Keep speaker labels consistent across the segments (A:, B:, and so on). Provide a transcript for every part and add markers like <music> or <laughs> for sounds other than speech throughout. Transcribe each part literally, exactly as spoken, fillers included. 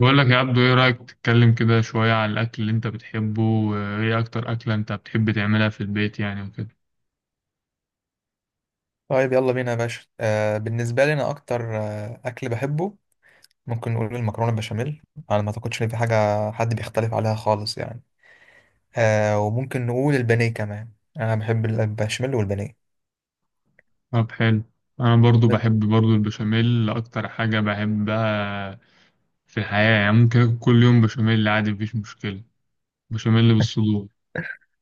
A: بقول لك يا عبدو، ايه رأيك تتكلم كده شوية عن الأكل اللي انت بتحبه، وايه أكتر أكلة انت بتحب تعملها في البيت يعني وكده؟
B: طيب، يلا بينا يا باشا. آه بالنسبة لي، أنا أكتر آه أكل بحبه. ممكن نقول المكرونة البشاميل. أنا ما أعتقدش إن في حاجة حد بيختلف عليها خالص يعني. آه وممكن نقول البانيه كمان. أنا بحب البشاميل والبانيه.
A: طب حلو. أنا برضو
B: <laughs> أنت؟
A: بحب برضو البشاميل، أكتر حاجة بحبها في الحياة يعني. ممكن آكل كل يوم بشاميل عادي، مفيش مشكلة. بشاميل بالصدور.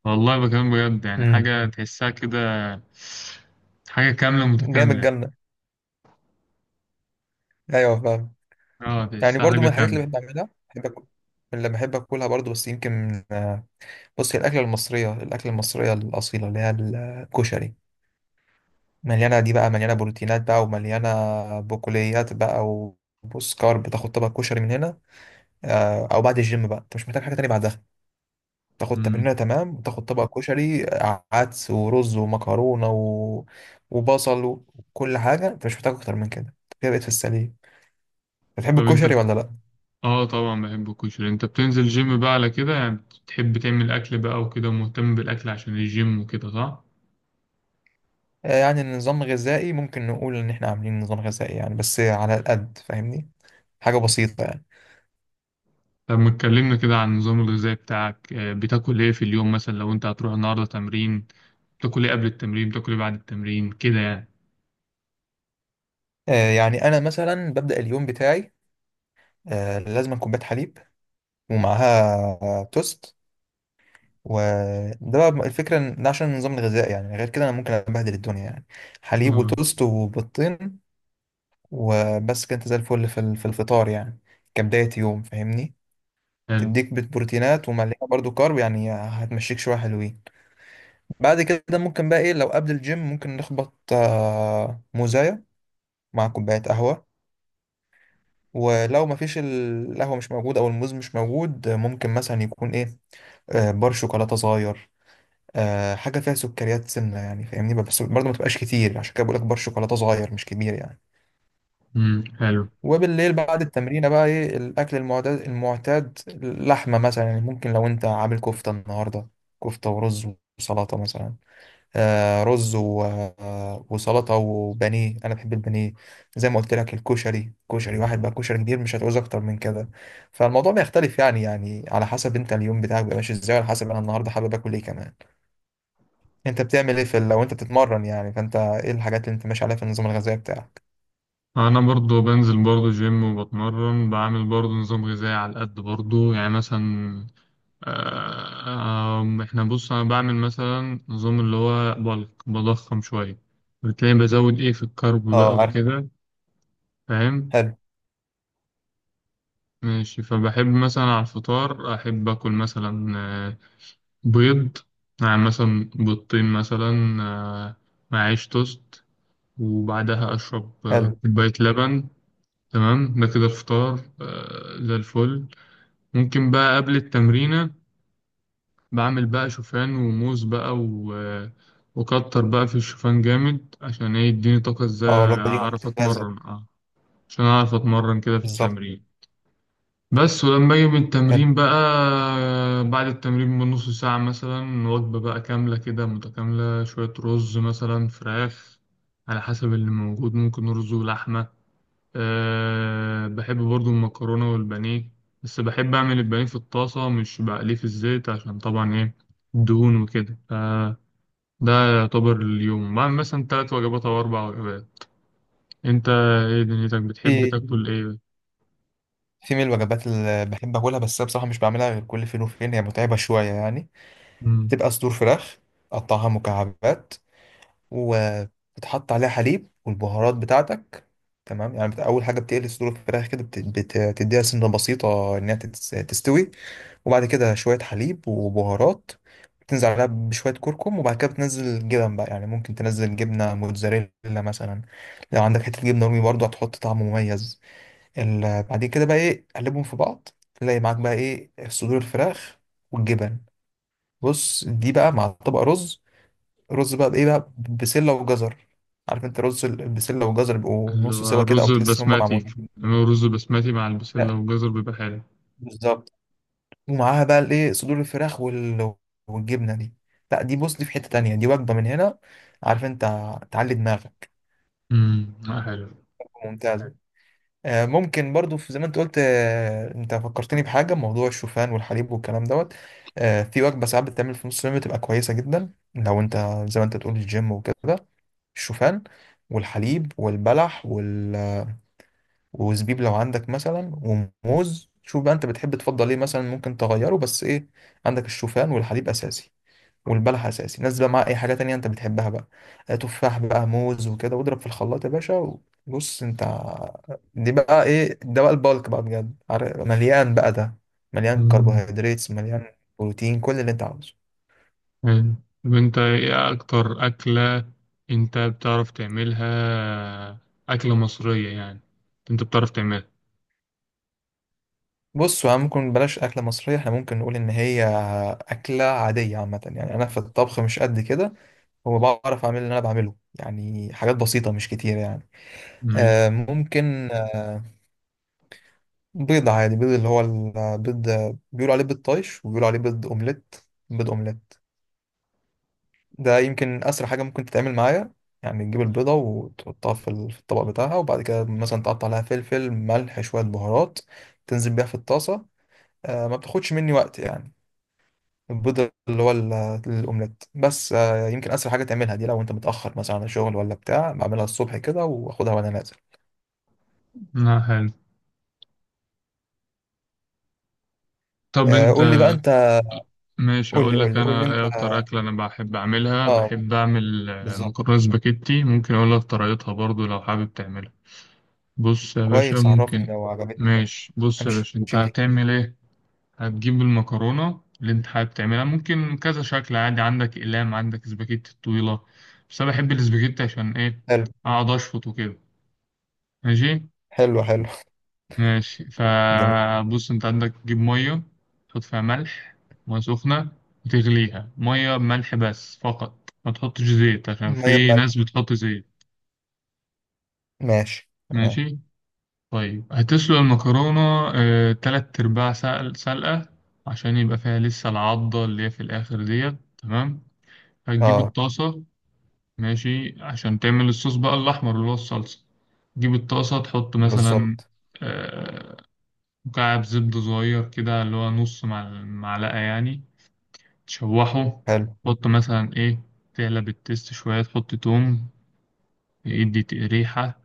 A: والله بكلم بجد، يعني
B: امم.
A: حاجة تحسها كده، حاجة كاملة
B: جامد
A: متكاملة.
B: جدا. أيوه، فاهم.
A: اه
B: يعني
A: تحسها
B: برضو من
A: حاجة
B: الحاجات
A: كاملة.
B: اللي بحب أعملها بحب أكل اللي بحب أكلها برضو، بس يمكن آه بص، هي الأكلة المصرية الأكلة المصرية الأصيلة اللي هي الكشري. مليانة دي بقى، مليانة بروتينات بقى، ومليانة بقوليات بقى. وبص كارب، بتاخد طبق كشري من هنا. آه، أو بعد الجيم بقى أنت مش محتاج حاجة تانية بعدها. تاخد
A: مم.
B: تمرينة، تمام، وتاخد طبق كشري، آه، عدس ورز ومكرونة و... وبصل وكل حاجة، أنت مش محتاج أكتر من كده، أنت كده بقيت في السليم. بتحب
A: طب انت،
B: الكشري ولا لأ؟
A: اه طبعا بحب الكشري. انت بتنزل جيم بقى على كده يعني، بتحب تعمل اكل بقى وكده، ومهتم بالاكل عشان الجيم وكده، صح؟
B: آه، يعني النظام الغذائي ممكن نقول إن إحنا عاملين نظام غذائي يعني، بس على القد، فاهمني؟ حاجة بسيطة يعني.
A: طب ما اتكلمنا كده عن النظام الغذائي بتاعك، آه، بتاكل ايه في اليوم مثلا لو انت هتروح النهارده تمرين؟ بتاكل ايه قبل التمرين، بتاكل ايه بعد التمرين كده يعني؟
B: آه، يعني أنا مثلا ببدأ اليوم بتاعي. آه، لازم كوباية حليب ومعاها توست. وده بقى الفكرة، إن ده عشان النظام الغذائي يعني، غير كده أنا ممكن أبهدل الدنيا يعني. حليب
A: اه
B: وتوست وبيضتين وبس كده، أنت زي الفل في ال- في الفطار يعني، كبداية يوم، فاهمني.
A: حلو.
B: تديك بيت بروتينات ومليانة برضو كارب، يعني هتمشيك شوية حلوين. بعد كده، ممكن بقى إيه؟ لو قبل الجيم ممكن نخبط آه، موزاية مع كوباية قهوة. ولو مفيش ال- القهوة مش موجود، أو الموز مش موجود، آه، ممكن مثلا يكون إيه؟ آه، بار شوكولاتة صغير، آه حاجة فيها سكريات سنة يعني، فاهمني. بس برضه ما تبقاش كتير، عشان كده بقول لك بار شوكولاتة صغير، مش كبير يعني.
A: امم حلو.
B: وبالليل بعد التمرين بقى، ايه الأكل المعتاد المعتاد اللحمة مثلا يعني، ممكن لو أنت عامل كفتة النهاردة، كفتة ورز وسلطة مثلا، آه رز و... آه وسلطة وبانيه. أنا بحب البانيه. زي ما قلت لك، الكشري، كشري واحد بقى، كشري كبير، مش هتعوز أكتر من كده. فالموضوع بيختلف يعني يعني على حسب أنت اليوم بتاعك بيبقى ماشي إزاي، على حسب أنا النهاردة حابب آكل إيه كمان. انت بتعمل ايه في ال- لو انت بتتمرن يعني، فانت ايه الحاجات اللي انت ماشي عليها في النظام الغذائي بتاعك؟
A: انا برضو بنزل برضو جيم وبتمرن، بعمل برضو نظام غذائي على قد برضو يعني مثلا. آه، آم، احنا بص انا بعمل مثلا نظام اللي هو بلك، بضخم شوية. بتلاقي بزود ايه في الكرب بقى
B: اه، عارف.
A: وكده. فاهم.
B: حلو،
A: ماشي، فبحب مثلا على الفطار احب اكل مثلا آه، بيض، مع مثلا بيضتين مثلا، آه، مع عيش توست، وبعدها اشرب آه،
B: حلو.
A: كوباية لبن. تمام، ده كده الفطار آه، زي الفل. ممكن بقى قبل التمرينة بعمل بقى شوفان وموز بقى و وكتر بقى في الشوفان جامد، عشان ايه؟ يديني طاقة، ازاي
B: اه، الوجبه دي
A: اعرف
B: ممتازه.
A: اتمرن؟ اه، عشان اعرف اتمرن كده في
B: بالظبط.
A: التمرين. بس ولما اجي من
B: حلو.
A: التمرين بقى، بعد التمرين بنص ساعة مثلا، وجبة بقى كاملة كده متكاملة، شوية رز مثلا، فراخ، على حسب اللي موجود. ممكن رز ولحمة. أه بحب برضو المكرونة والبانيه. بس بحب أعمل البانيه في الطاسة، مش بقليه في الزيت، عشان طبعا إيه؟ الدهون وكده. فده يعتبر اليوم بعمل مثلا تلات وجبات أو أربع وجبات. أنت، إيه دنيتك بتحب
B: في
A: تاكل إيه؟
B: في من الوجبات اللي بحب اكلها، بس أنا بصراحه مش بعملها غير كل فين وفين، هي متعبه شويه يعني.
A: مم.
B: بتبقى صدور فراخ، قطعها مكعبات، وبتحط عليها حليب والبهارات بتاعتك. تمام يعني، بت- اول حاجه بتقلي صدور الفراخ كده، بت- بت- بتديها سنه بسيطه انها تتس- تستوي. وبعد كده شويه حليب وبهارات، تنزل عليها بشوية كركم. وبعد كده بتنزل الجبن بقى، يعني ممكن تنزل جبنة موتزاريلا مثلا. لو عندك حتة جبنة رومي، برضو هتحط طعم مميز. ال- بعد كده بقى ايه، قلبهم في بعض. تلاقي معاك بقى ايه، صدور الفراخ والجبن. بص، دي بقى مع طبق رز. رز بقى بايه بقى، بسلة وجزر. عارف انت، رز ال- البسلة والجزر بيبقوا
A: اللي
B: نص
A: هو
B: سوا كده،
A: الرز
B: او تحس ان هم
A: البسماتي،
B: معمولين.
A: بيعملوا رز بسماتي مع البسلة
B: لا.
A: والجزر بيبقى حلو.
B: بالظبط. ومعاها بقى الايه، صدور الفراخ وال... والجبنه دي. لا، دي، بص دي في حته تانية، دي وجبه من هنا. عارف انت، تعلي دماغك.
A: مم. آه، حلو.
B: ممتازه. آه، ممكن برضو، في، زي ما انت قلت، آه، انت فكرتني بحاجه، موضوع الشوفان والحليب والكلام دوت. آه، في وجبه ساعات بتتعمل في نص اليوم، بتبقى كويسه جدا لو انت، زي ما انت تقول، الجيم وكده. الشوفان والحليب والبلح وال... وزبيب لو عندك مثلا، وموز. شوف بقى انت بتحب تفضل ايه مثلا، ممكن تغيره، بس ايه؟ عندك الشوفان والحليب اساسي، والبلح اساسي، نزل بقى معاه اي حاجه تانية انت بتحبها بقى. آه، تفاح بقى، موز وكده، واضرب في الخلاط يا باشا. وبص انت، دي بقى ايه؟ ده بقى البالك بقى بجد، عارف- مليان بقى ده، مليان
A: مم.
B: كربوهيدرات، مليان بروتين، كل اللي انت عاوزه.
A: حلو. طب انت، ايه اكتر اكلة انت بتعرف تعملها؟ اكلة مصرية يعني، انت بتعرف تعملها؟
B: بص هو، ممكن بلاش أكلة مصرية، احنا ممكن نقول إن هي أكلة عادية عامة يعني. أنا في الطبخ مش قد كده، هو بعرف أعمل اللي أنا بعمله يعني، حاجات بسيطة مش كتير يعني.
A: ماشي.
B: آه ممكن آه، بيض عادي، بيض اللي هو البيض، بيقولوا عليه بيض طايش، وبيقولوا عليه بيض اومليت. بيض اومليت ده يمكن اسرع حاجه ممكن تتعمل معايا. يعني تجيب البيضه وتحطها في ال- في الطبق بتاعها، وبعد كده مثلا تقطع لها فلفل، ملح، شويه بهارات، تنزل بيها في الطاسه. آه ما بتاخدش مني وقت يعني. البيض اللي هو ال- الاومليت، بس آه يمكن اسرع حاجه تعملها دي، لو انت متاخر مثلا على الشغل ولا بتاع، بعملها الصبح كده واخدها وانا نازل.
A: لا حلو. طب
B: آه
A: انت.
B: قول لي بقى انت.
A: ماشي،
B: قول لي،
A: اقول
B: قول
A: لك
B: لي، قول لي
A: انا
B: انت.
A: ايه اكتر اكلة انا بحب اعملها.
B: اه.
A: بحب اعمل آه،
B: بالظبط.
A: مكرونة سباكيتي. ممكن اقول لك طريقتها برضو لو حابب تعملها. بص يا باشا،
B: كويس، عرفني
A: ممكن.
B: لو عجبتني بقى.
A: ماشي، بص يا
B: امشي
A: باشا، انت
B: يمين.
A: هتعمل ايه. هتجيب المكرونة اللي انت حابب تعملها، ممكن كذا شكل عادي، عندك أقلام، عندك سباجيتي الطويلة. بس أنا بحب السباجيتي، عشان إيه؟
B: حلو،
A: أقعد أشفط وكده. ماشي.
B: حلو، حلو.
A: ماشي،
B: جميل.
A: فبص انت عندك تجيب مية، تحط فيها ملح، مية سخنة وتغليها، مية بملح بس فقط، ما تحطش زيت عشان
B: ميه
A: في
B: بملح،
A: ناس بتحط زيت.
B: ماشي، تمام.
A: ماشي. طيب، هتسلق المكرونة آه، تلات أرباع سلق- سلقة، عشان يبقى فيها لسه العضة اللي هي في الآخر ديت، تمام. هتجيب
B: اه.
A: الطاسة. ماشي، عشان تعمل الصوص بقى الأحمر اللي هو الصلصة. تجيب الطاسة، تحط مثلا
B: بالظبط.
A: آه، مكعب زبدة صغير كده، اللي هو نص مع المعلقة يعني. تشوحه.
B: حلو.
A: تحط مثلا إيه، تعلب التست شوية، تحط توم، يدي ت- ريحة،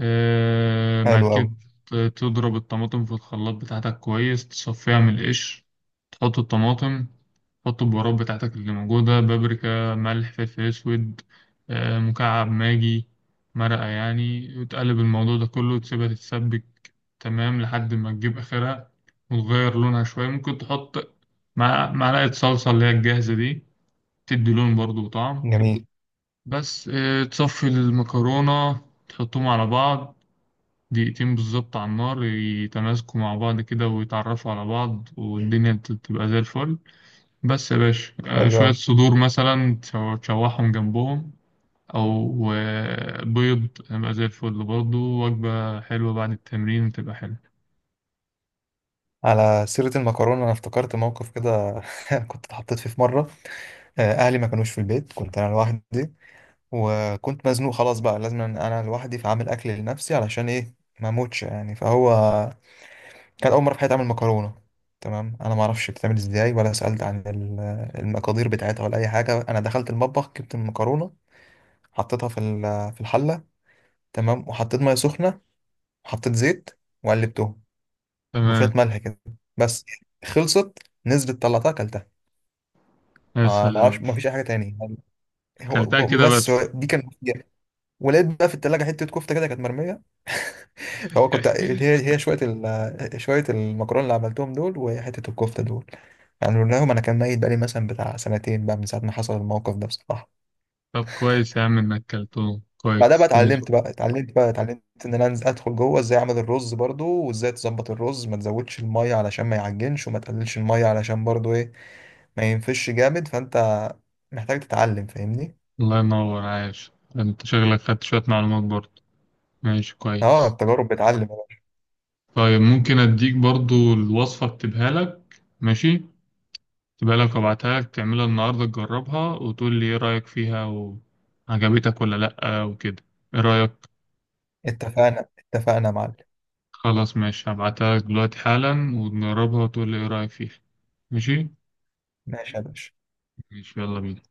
A: آه، بعد
B: حلو قوي.
A: كده. تضرب الطماطم في الخلاط بتاعتك كويس، تصفيها من القشر. تحط الطماطم. تحط البهارات بتاعتك اللي موجودة، بابريكا، ملح، فلفل أسود، آه، مكعب ماجي، مرقة يعني، وتقلب الموضوع ده كله وتسيبها تتسبك. تمام، لحد ما تجيب آخرها وتغير لونها شوية. ممكن تحط مع- معلقة صلصة اللي هي الجاهزة دي، تدي لون برضو وطعم.
B: جميل.
A: بس آه، تصفي المكرونة، تحطهم على بعض دقيقتين بالظبط على النار، يتماسكوا مع بعض كده ويتعرفوا على بعض، والدنيا ت- تبقى زي الفل. بس يا باشا. آه،
B: حلو
A: شوية
B: قوي.
A: صدور مثلا، تشو- تشوحهم جنبهم. أو آه، بيض، يبقى زي الفل برضه، وجبة حلوة بعد التمرين تبقى حلوة.
B: على سيرة المكرونة، أنا افتكرت موقف كده <laughs> كنت اتحطيت فيه في مرة. آه، أهلي ما كانوش في البيت، كنت أنا لوحدي، وكنت مزنوق خلاص، بقى لازم أنا لوحدي فأعمل أكل لنفسي، علشان إيه؟ ما أموتش يعني. فهو كان أول مرة في حياتي أعمل مكرونة. تمام، أنا ما أعرفش بتتعمل إزاي، ولا سألت عن ال- المقادير بتاعتها، ولا أي حاجة. أنا دخلت المطبخ، جبت المكرونة، حطيتها في ال- في الحله. تمام، وحطيت ميه سخنه، وحطيت زيت، وقلبتهم، وشويه
A: تمام.
B: ملح كده. بس، خلصت، نزلت، طلعتها، اكلتها.
A: يا
B: ما ما
A: سلام.
B: اعرفش، ما فيش اي حاجه تاني يعني. هو
A: كلتها
B: ب-
A: كده
B: بس هو
A: بس؟
B: دي كان. ولقيت بقى في التلاجة حتة كفتة كده كانت مرمية. فهو كنت، هي هي
A: <laughs>
B: شوية ال... شوية المكرونة اللي عملتهم دول، وحتة الكفتة دول، يعني لهم. انا كان ميت، بقالي مثلا بتاع سنتين بقى من ساعة ما حصل الموقف ده، بصراحة.
A: طب كويس يا عم إنك كلتهم
B: بعدها بقى
A: كويس، ماشي.
B: اتعلمت بقى اتعلمت بقى اتعلمت ان انا انزل ادخل جوه، ازاي اعمل الرز برضو، وازاي تظبط الرز، ما تزودش الميه علشان ما يعجنش، وما تقللش الميه علشان برضو ايه؟ ما ينفش جامد. فانت محتاج تتعلم، فاهمني.
A: الله ينور، عايش أنت شغلك، خدت شوية معلومات برضه. ماشي
B: اه،
A: كويس.
B: التجارب بتعلم يا باشا.
A: طيب ممكن أديك برضو الوصفة، أكتبها لك ماشي، أكتبها لك وأبعتها لك، تعملها النهاردة تجربها وتقول لي إيه رأيك فيها، وعجبتك ولا لأ وكده. إيه رأيك؟
B: اتفقنا. اتفقنا يا معلم.
A: خلاص ماشي، هبعتها لك دلوقتي حالا ونجربها وتقول لي إيه رأيك فيها، ماشي؟
B: ماشي يا باشا.
A: ماشي، يلا بينا.